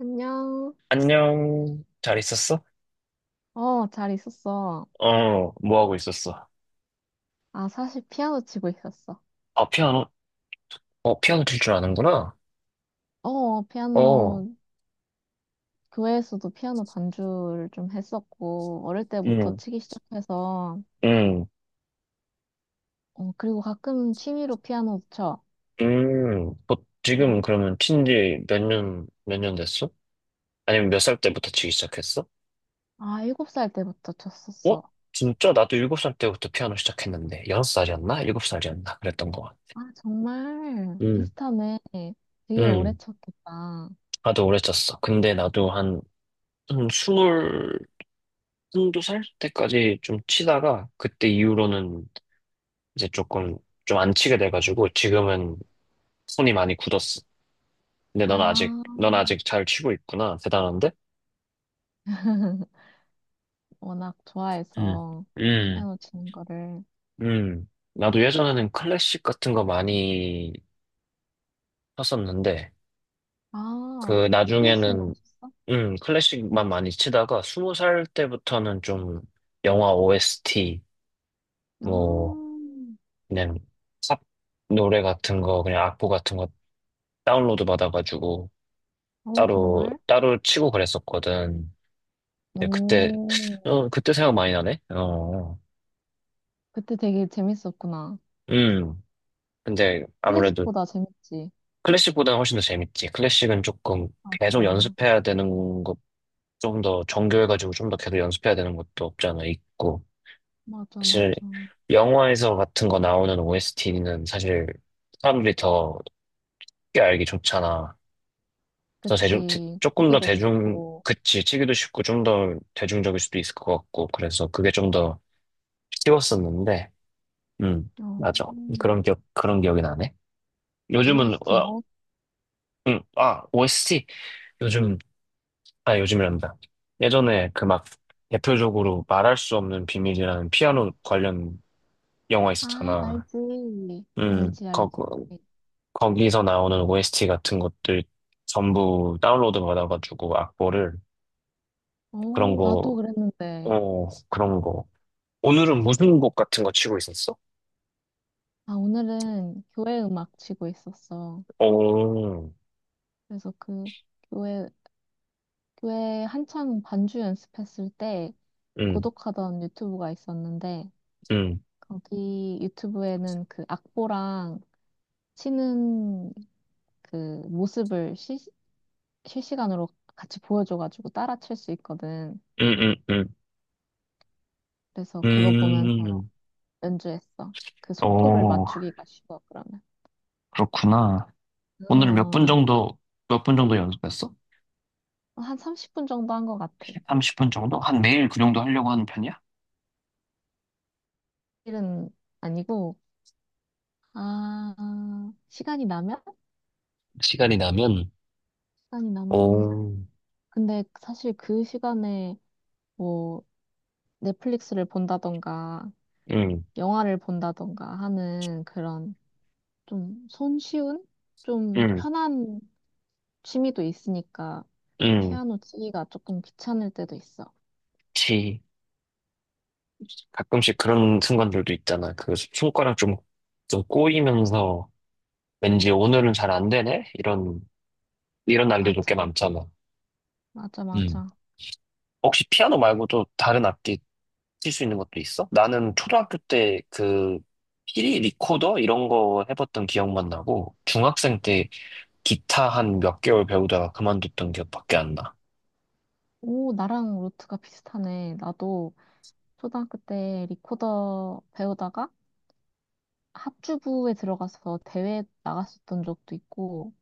안녕. 안녕. 잘 있었어? 어, 잘 있었어. 어, 뭐 하고 있었어? 아, 사실 피아노 치고 있었어. 아, 피아노? 어, 피아노 칠 줄 아는구나? 어, 어, 피아노, 교회에서도 피아노 반주를 좀 했었고, 어릴 때부터 음, 치기 시작해서, 음, 어, 그리고 가끔 취미로 피아노도 쳐. 뭐, 어, 지금 그러면 친지 몇 년 됐어? 아니면 몇 살 때부터 치기 시작했어? 아, 일곱 살 때부터 어? 쳤었어. 진짜? 나도 일곱 살 때부터 피아노 시작했는데, 여섯 살이었나? 일곱 살이었나? 그랬던 거 같아. 아, 정말 음, 비슷하네. 되게 오래 음. 쳤겠다. 나도 오래 쳤어. 근데 나도 한, 한 스물, 한두 살 때까지 좀 치다가, 그때 이후로는 이제 조금 좀 안 치게 돼가지고 지금은 손이 많이 굳었어. 근데 넌 아직 아, 넌 아직 잘 치고 있구나. 대단한데? 워낙 음, 좋아해서 음, 피아노 치는 거를. 나도 예전에는 클래식 같은 거 많이 쳤었는데 아, 그 클래식만 나중에는 쳤어? 클래식만 많이 치다가 스무 살 때부터는 좀 영화 OST 아. 뭐 그냥 삽 노래 같은 거 그냥 악보 같은 거 다운로드 받아가지고 어, 따로 정말? 따로 치고 그랬었거든. 네, 그때, 오, 어, 그때 생각 많이 나네? 어, 그때 되게 재밌었구나. 음. 근데 아무래도 클래식보다 재밌지. 클래식보다는 훨씬 더 재밌지. 클래식은 조금 계속 맞아. 연습해야 되는 것, 좀 더 정교해가지고 좀 더 계속 연습해야 되는 것도 없잖아, 있고. 맞아, 사실, 맞아. 영화에서 같은 거 나오는 OST는 사실 사람들이 더 쉽게 알기 좋잖아. 그치. 조금 더 쓰기도 대중, 쉽고. 그치, 치기도 쉽고 좀 더 대중적일 수도 있을 것 같고. 그래서 그게 좀 더 쉬웠었는데. 음, 어, 맞아. 그런 기억이 나네. 요즘은, OST 어, 뭐? 아, OST. 요즘, 아, 요즘이란다. 예전에 그 막 대표적으로 말할 수 없는 비밀이라는 피아노 관련 영화 아, 있었잖아. 알지. 음, 알지, 거, 알지. 거기서 나오는 OST 같은 것들 전부 다운로드 받아가지고 악보를 그런 어, 나도 거, 그랬는데. 어, 그런 거. 오늘은 무슨 곡 같은 거 치고 있었어? 아, 오늘은 교회 음악 치고 있었어. 오, 그래서 그 교회, 교회 한창 반주 연습했을 때 음, 구독하던 유튜브가 있었는데, 음, 거기 유튜브에는 그 악보랑 치는 그 모습을 실, 실시간으로 같이 보여줘가지고 따라칠 수 있거든. 음, 음, 음, 그래서 그거 음, 보면서 음, 연주했어. 그 속도를 오. 맞추기가 쉬워, 그러면. 그렇구나. 오늘 몇 분 어, 정도, 몇 분 정도 연습했어? 한 30분 정도 한 것 같아. 30분 정도? 한 매일 그 정도 하려고 하는 편이야? 일은 아니고, 아, 시간이 나면? 시간이 나면, 시간이 나면. 오, 근데 사실 그 시간에 뭐 넷플릭스를 본다던가, 응 영화를 본다던가 하는 그런 좀 손쉬운? 좀 응 편한 취미도 있으니까 응 피아노 치기가 조금 귀찮을 때도 있어. 치. 가끔씩 그런 순간들도 있잖아. 그 손가락 좀, 좀 꼬이면서 왠지 오늘은 잘 안 되네? 이런 날들도 꽤 맞아, 많잖아. 맞아, 음. 맞아. 혹시 피아노 말고도 다른 악기 칠 수 있는 것도 있어? 나는 초등학교 때 그 피리 리코더 이런 거 해봤던 기억만 나고 중학생 때 기타 한 몇 개월 배우다가 그만뒀던 기억밖에 안 나. 오, 나랑 루트가 비슷하네. 나도 초등학교 때 리코더 배우다가 합주부에 들어가서 대회 나갔었던 적도 있고,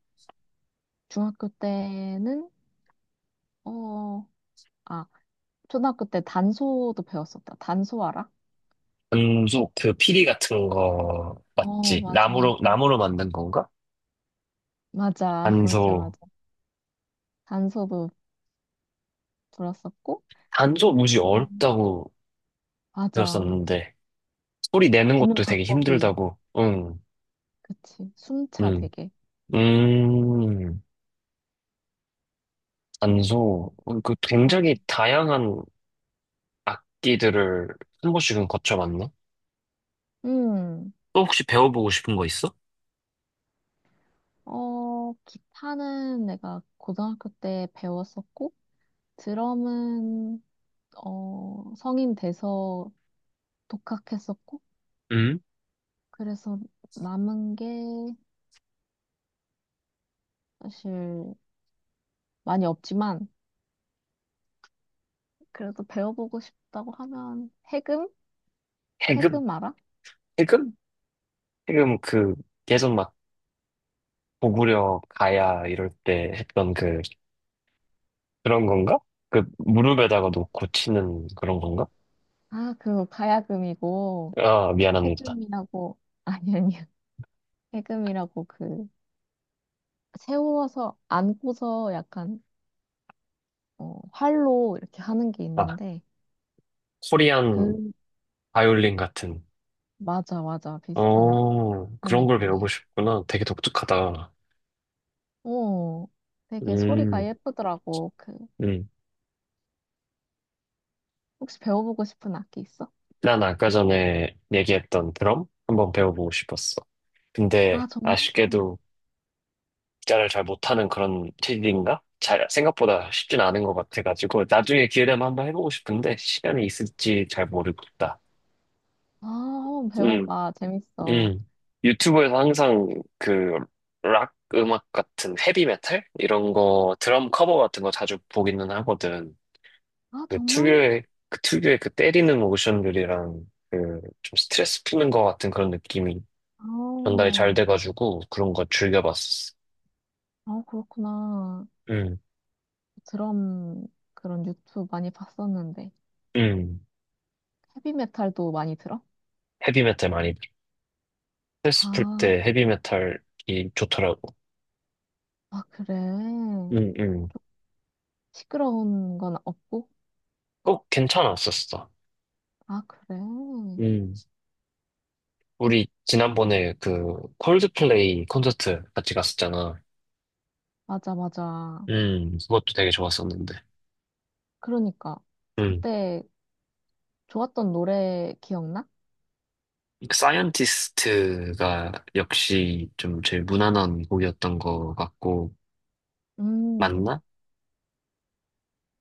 중학교 때는, 어, 아, 초등학교 때 단소도 배웠었다. 단소 알아? 안소 그 피리 같은 거 어, 맞지? 맞아, 나무로 맞아. 나무로 만든 건가? 맞아, 맞아, 단소 맞아. 단소도 불었었고, 단소 무지 어, 어렵다고 맞아. 들었었는데 소리 내는 부는 것도 되게 방법이 힘들다고. 응, 그치. 숨차 응, 되게. 음, 단소 어, 그 굉장히 맞아. 다양한 악기들을 한 번씩은 거쳐봤네. 음. 또 혹시 배워보고 싶은 거 있어? 어, 기타는 내가 고등학교 때 배웠었고, 드럼은, 어, 성인 돼서 독학했었고, 응? 그래서 남은 게 사실 많이 없지만, 그래도 배워보고 싶다고 하면, 해금? 해금? 해금 알아? 해금? 해금 그 예전 막 고구려 가야 이럴 때 했던 그 그런 건가? 그 무릎에다가 놓고 치는 그런 건가? 아, 그거 가야금이고, 아 미안합니다. 해금이라고, 아니, 아니야. 해금이라고 그, 세워서, 안고서 약간 어, 활로 이렇게 하는 게 아 있는데, 코리안 그, 바이올린 같은 맞아, 맞아. 비슷한 어 그런 걸 배우고 느낌이야. 싶구나. 되게 독특하다. 오, 되게 소리가 음, 예쁘더라고. 그, 음. 혹시 배워보고 싶은 악기 있어? 난 아까 전에 얘기했던 드럼 한번 배워보고 싶었어. 근데 아, 정말? 아쉽게도 기타를 잘 못하는 그런 체질인가? 잘 생각보다 쉽진 않은 것 같아가지고 나중에 기회 되면 한번 해보고 싶은데 시간이 있을지 잘 모르겠다. 아, 한번 음. 배워봐. 재밌어. 음. 유튜브에서 항상 그 락 음악 같은 헤비메탈 이런 거 드럼 커버 같은 거 자주 보기는 하거든. 아, 그 정말? 특유의 그 특유의 그 때리는 모션들이랑 그 좀 스트레스 푸는 거 같은 그런 느낌이 전달이 아, 잘 돼가지고 그런 거 즐겨봤었어. 아, 그렇구나. 음, 드럼, 그런 유튜브 많이 봤었는데. 음. 헤비메탈도 많이 들어? 헤비메탈 많이 들어. 스트레스 풀 아, 때 헤비메탈이 좋더라고. 아, 그래. 음, 음. 시끄러운 건 없고? 꼭 괜찮았었어. 아, 그래. 음. 우리 지난번에 그 콜드플레이 콘서트 같이 갔었잖아. 맞아, 맞아. 그것도 되게 좋았었는데. 그러니까. 음. 그때 좋았던 노래 기억나? 사이언티스트가 역시 좀 제일 무난한 곡이었던 것 같고, 음, 맞나?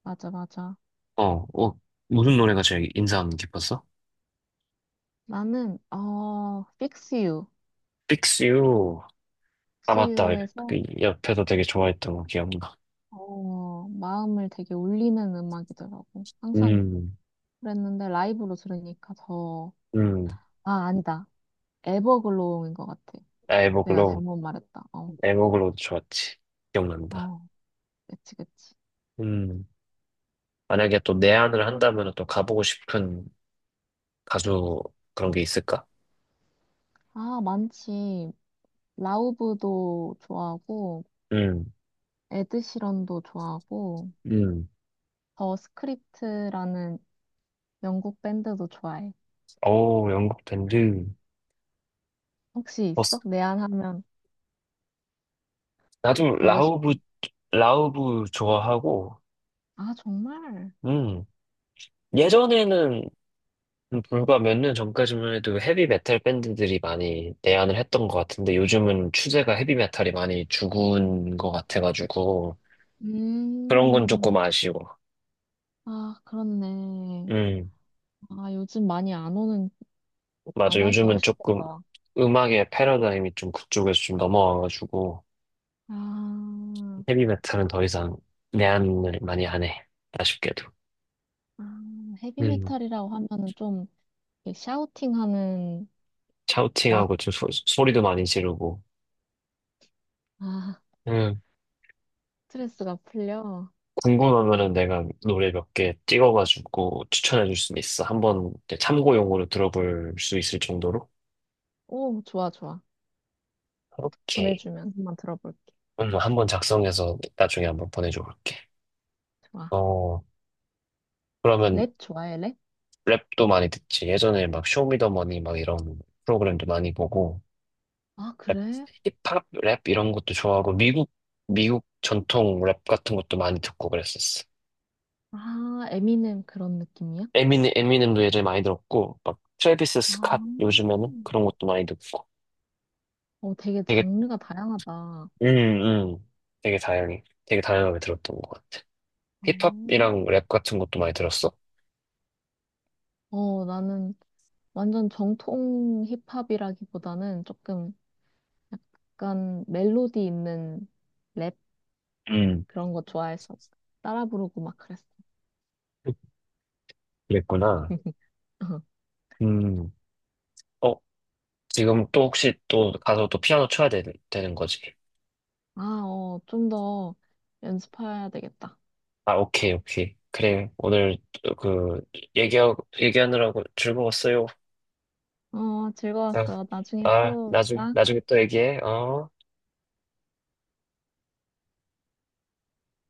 맞아, 맞아. 어, 어, 무슨 노래가 제일 인상 깊었어? 나는, 어, Fix You. Fix You. 아, Fix 맞다. 그 You에서, 옆에서 되게 좋아했던 거 기억나. 어, 마음을 되게 울리는 음악이더라고. 항상 음, 그랬는데 라이브로 들으니까 더, 음, 아, 아니다. 에버글로우인 것 같아. 내가 에버글로우. 잘못 말했다. 어, 에버글로우도 좋았지. 기억난다. 어, 그치, 그치. 음, 만약에 또 내한을 한다면 또 가보고 싶은 가수 그런 게 있을까? 아, 많지. 라우브도 좋아하고, 음, 에드시런도 좋아하고, 음. 더 스크립트라는 영국 밴드도 좋아해. 오, 영국 밴드. 혹시 있어? 내한하면 나도 보고 싶어. 라우브, 라우브 좋아하고, 아, 정말? 음, 예전에는 불과 몇 년 전까지만 해도 헤비 메탈 밴드들이 많이 내한을 했던 것 같은데 요즘은 추세가 헤비 메탈이 많이 죽은 것 같아가지고 그런 건 음, 조금 아쉬워. 아, 그렇네. 음, 아, 요즘 많이 안 오는, 안 맞아. 와서 요즘은 조금 아쉽겠다. 음악의 패러다임이 좀 그쪽에서 좀 넘어와가지고 아, 헤비 메탈은 더 이상 내한을 많이 안 해. 아쉽게도. 아, 음, 헤비메탈이라고 하면은 좀 이렇게 샤우팅하는 락, 샤우팅하고 좀 소리도 많이 지르고. 아, 음. 스트레스가 풀려. 궁금하면은 내가 노래 몇 개 찍어가지고 추천해 줄 수 있어. 한번 이제 참고용으로 들어볼 수 있을 정도로? 오, 좋아, 좋아. 오케이. 보내주면 한번 들어볼게. 한번 작성해서 나중에 한번 보내줘 볼게. 좋아. 어, 그러면 랩 좋아해, 랩? 랩도 많이 듣지. 예전에 막 쇼미더머니 막 이런 프로그램도 많이 보고, 아, 랩, 그래? 힙합 랩 이런 것도 좋아하고, 미국 전통 랩 같은 것도 많이 듣고 그랬었어. 아, 에미넴 그런 느낌이야? 에미넴도 예전에 많이 들었고, 막 트래비스 아, 스캇 요즘에는 그런 것도 많이 듣고. 어, 되게 되게 장르가 다양하다. 어, 음, 음. 되게 다양해. 되게 다양하게 들었던 것 같아. 힙합이랑 랩 같은 것도 많이 들었어? 어, 나는 완전 정통 힙합이라기보다는 조금 약간 멜로디 있는 랩 음. 그런 거 좋아해서 따라 부르고 막 그랬어. 그랬구나. 음. 어, 지금 또 혹시 또 가서 또 피아노 쳐야 되는 거지? 아, 어, 좀 더 연습해야 되겠다. 아, 오케이, 오케이. 그래, 오늘 그, 얘기하느라고 즐거웠어요. 어, 아, 즐거웠어. 나중에 또 보자. 나중에 또 얘기해. 어.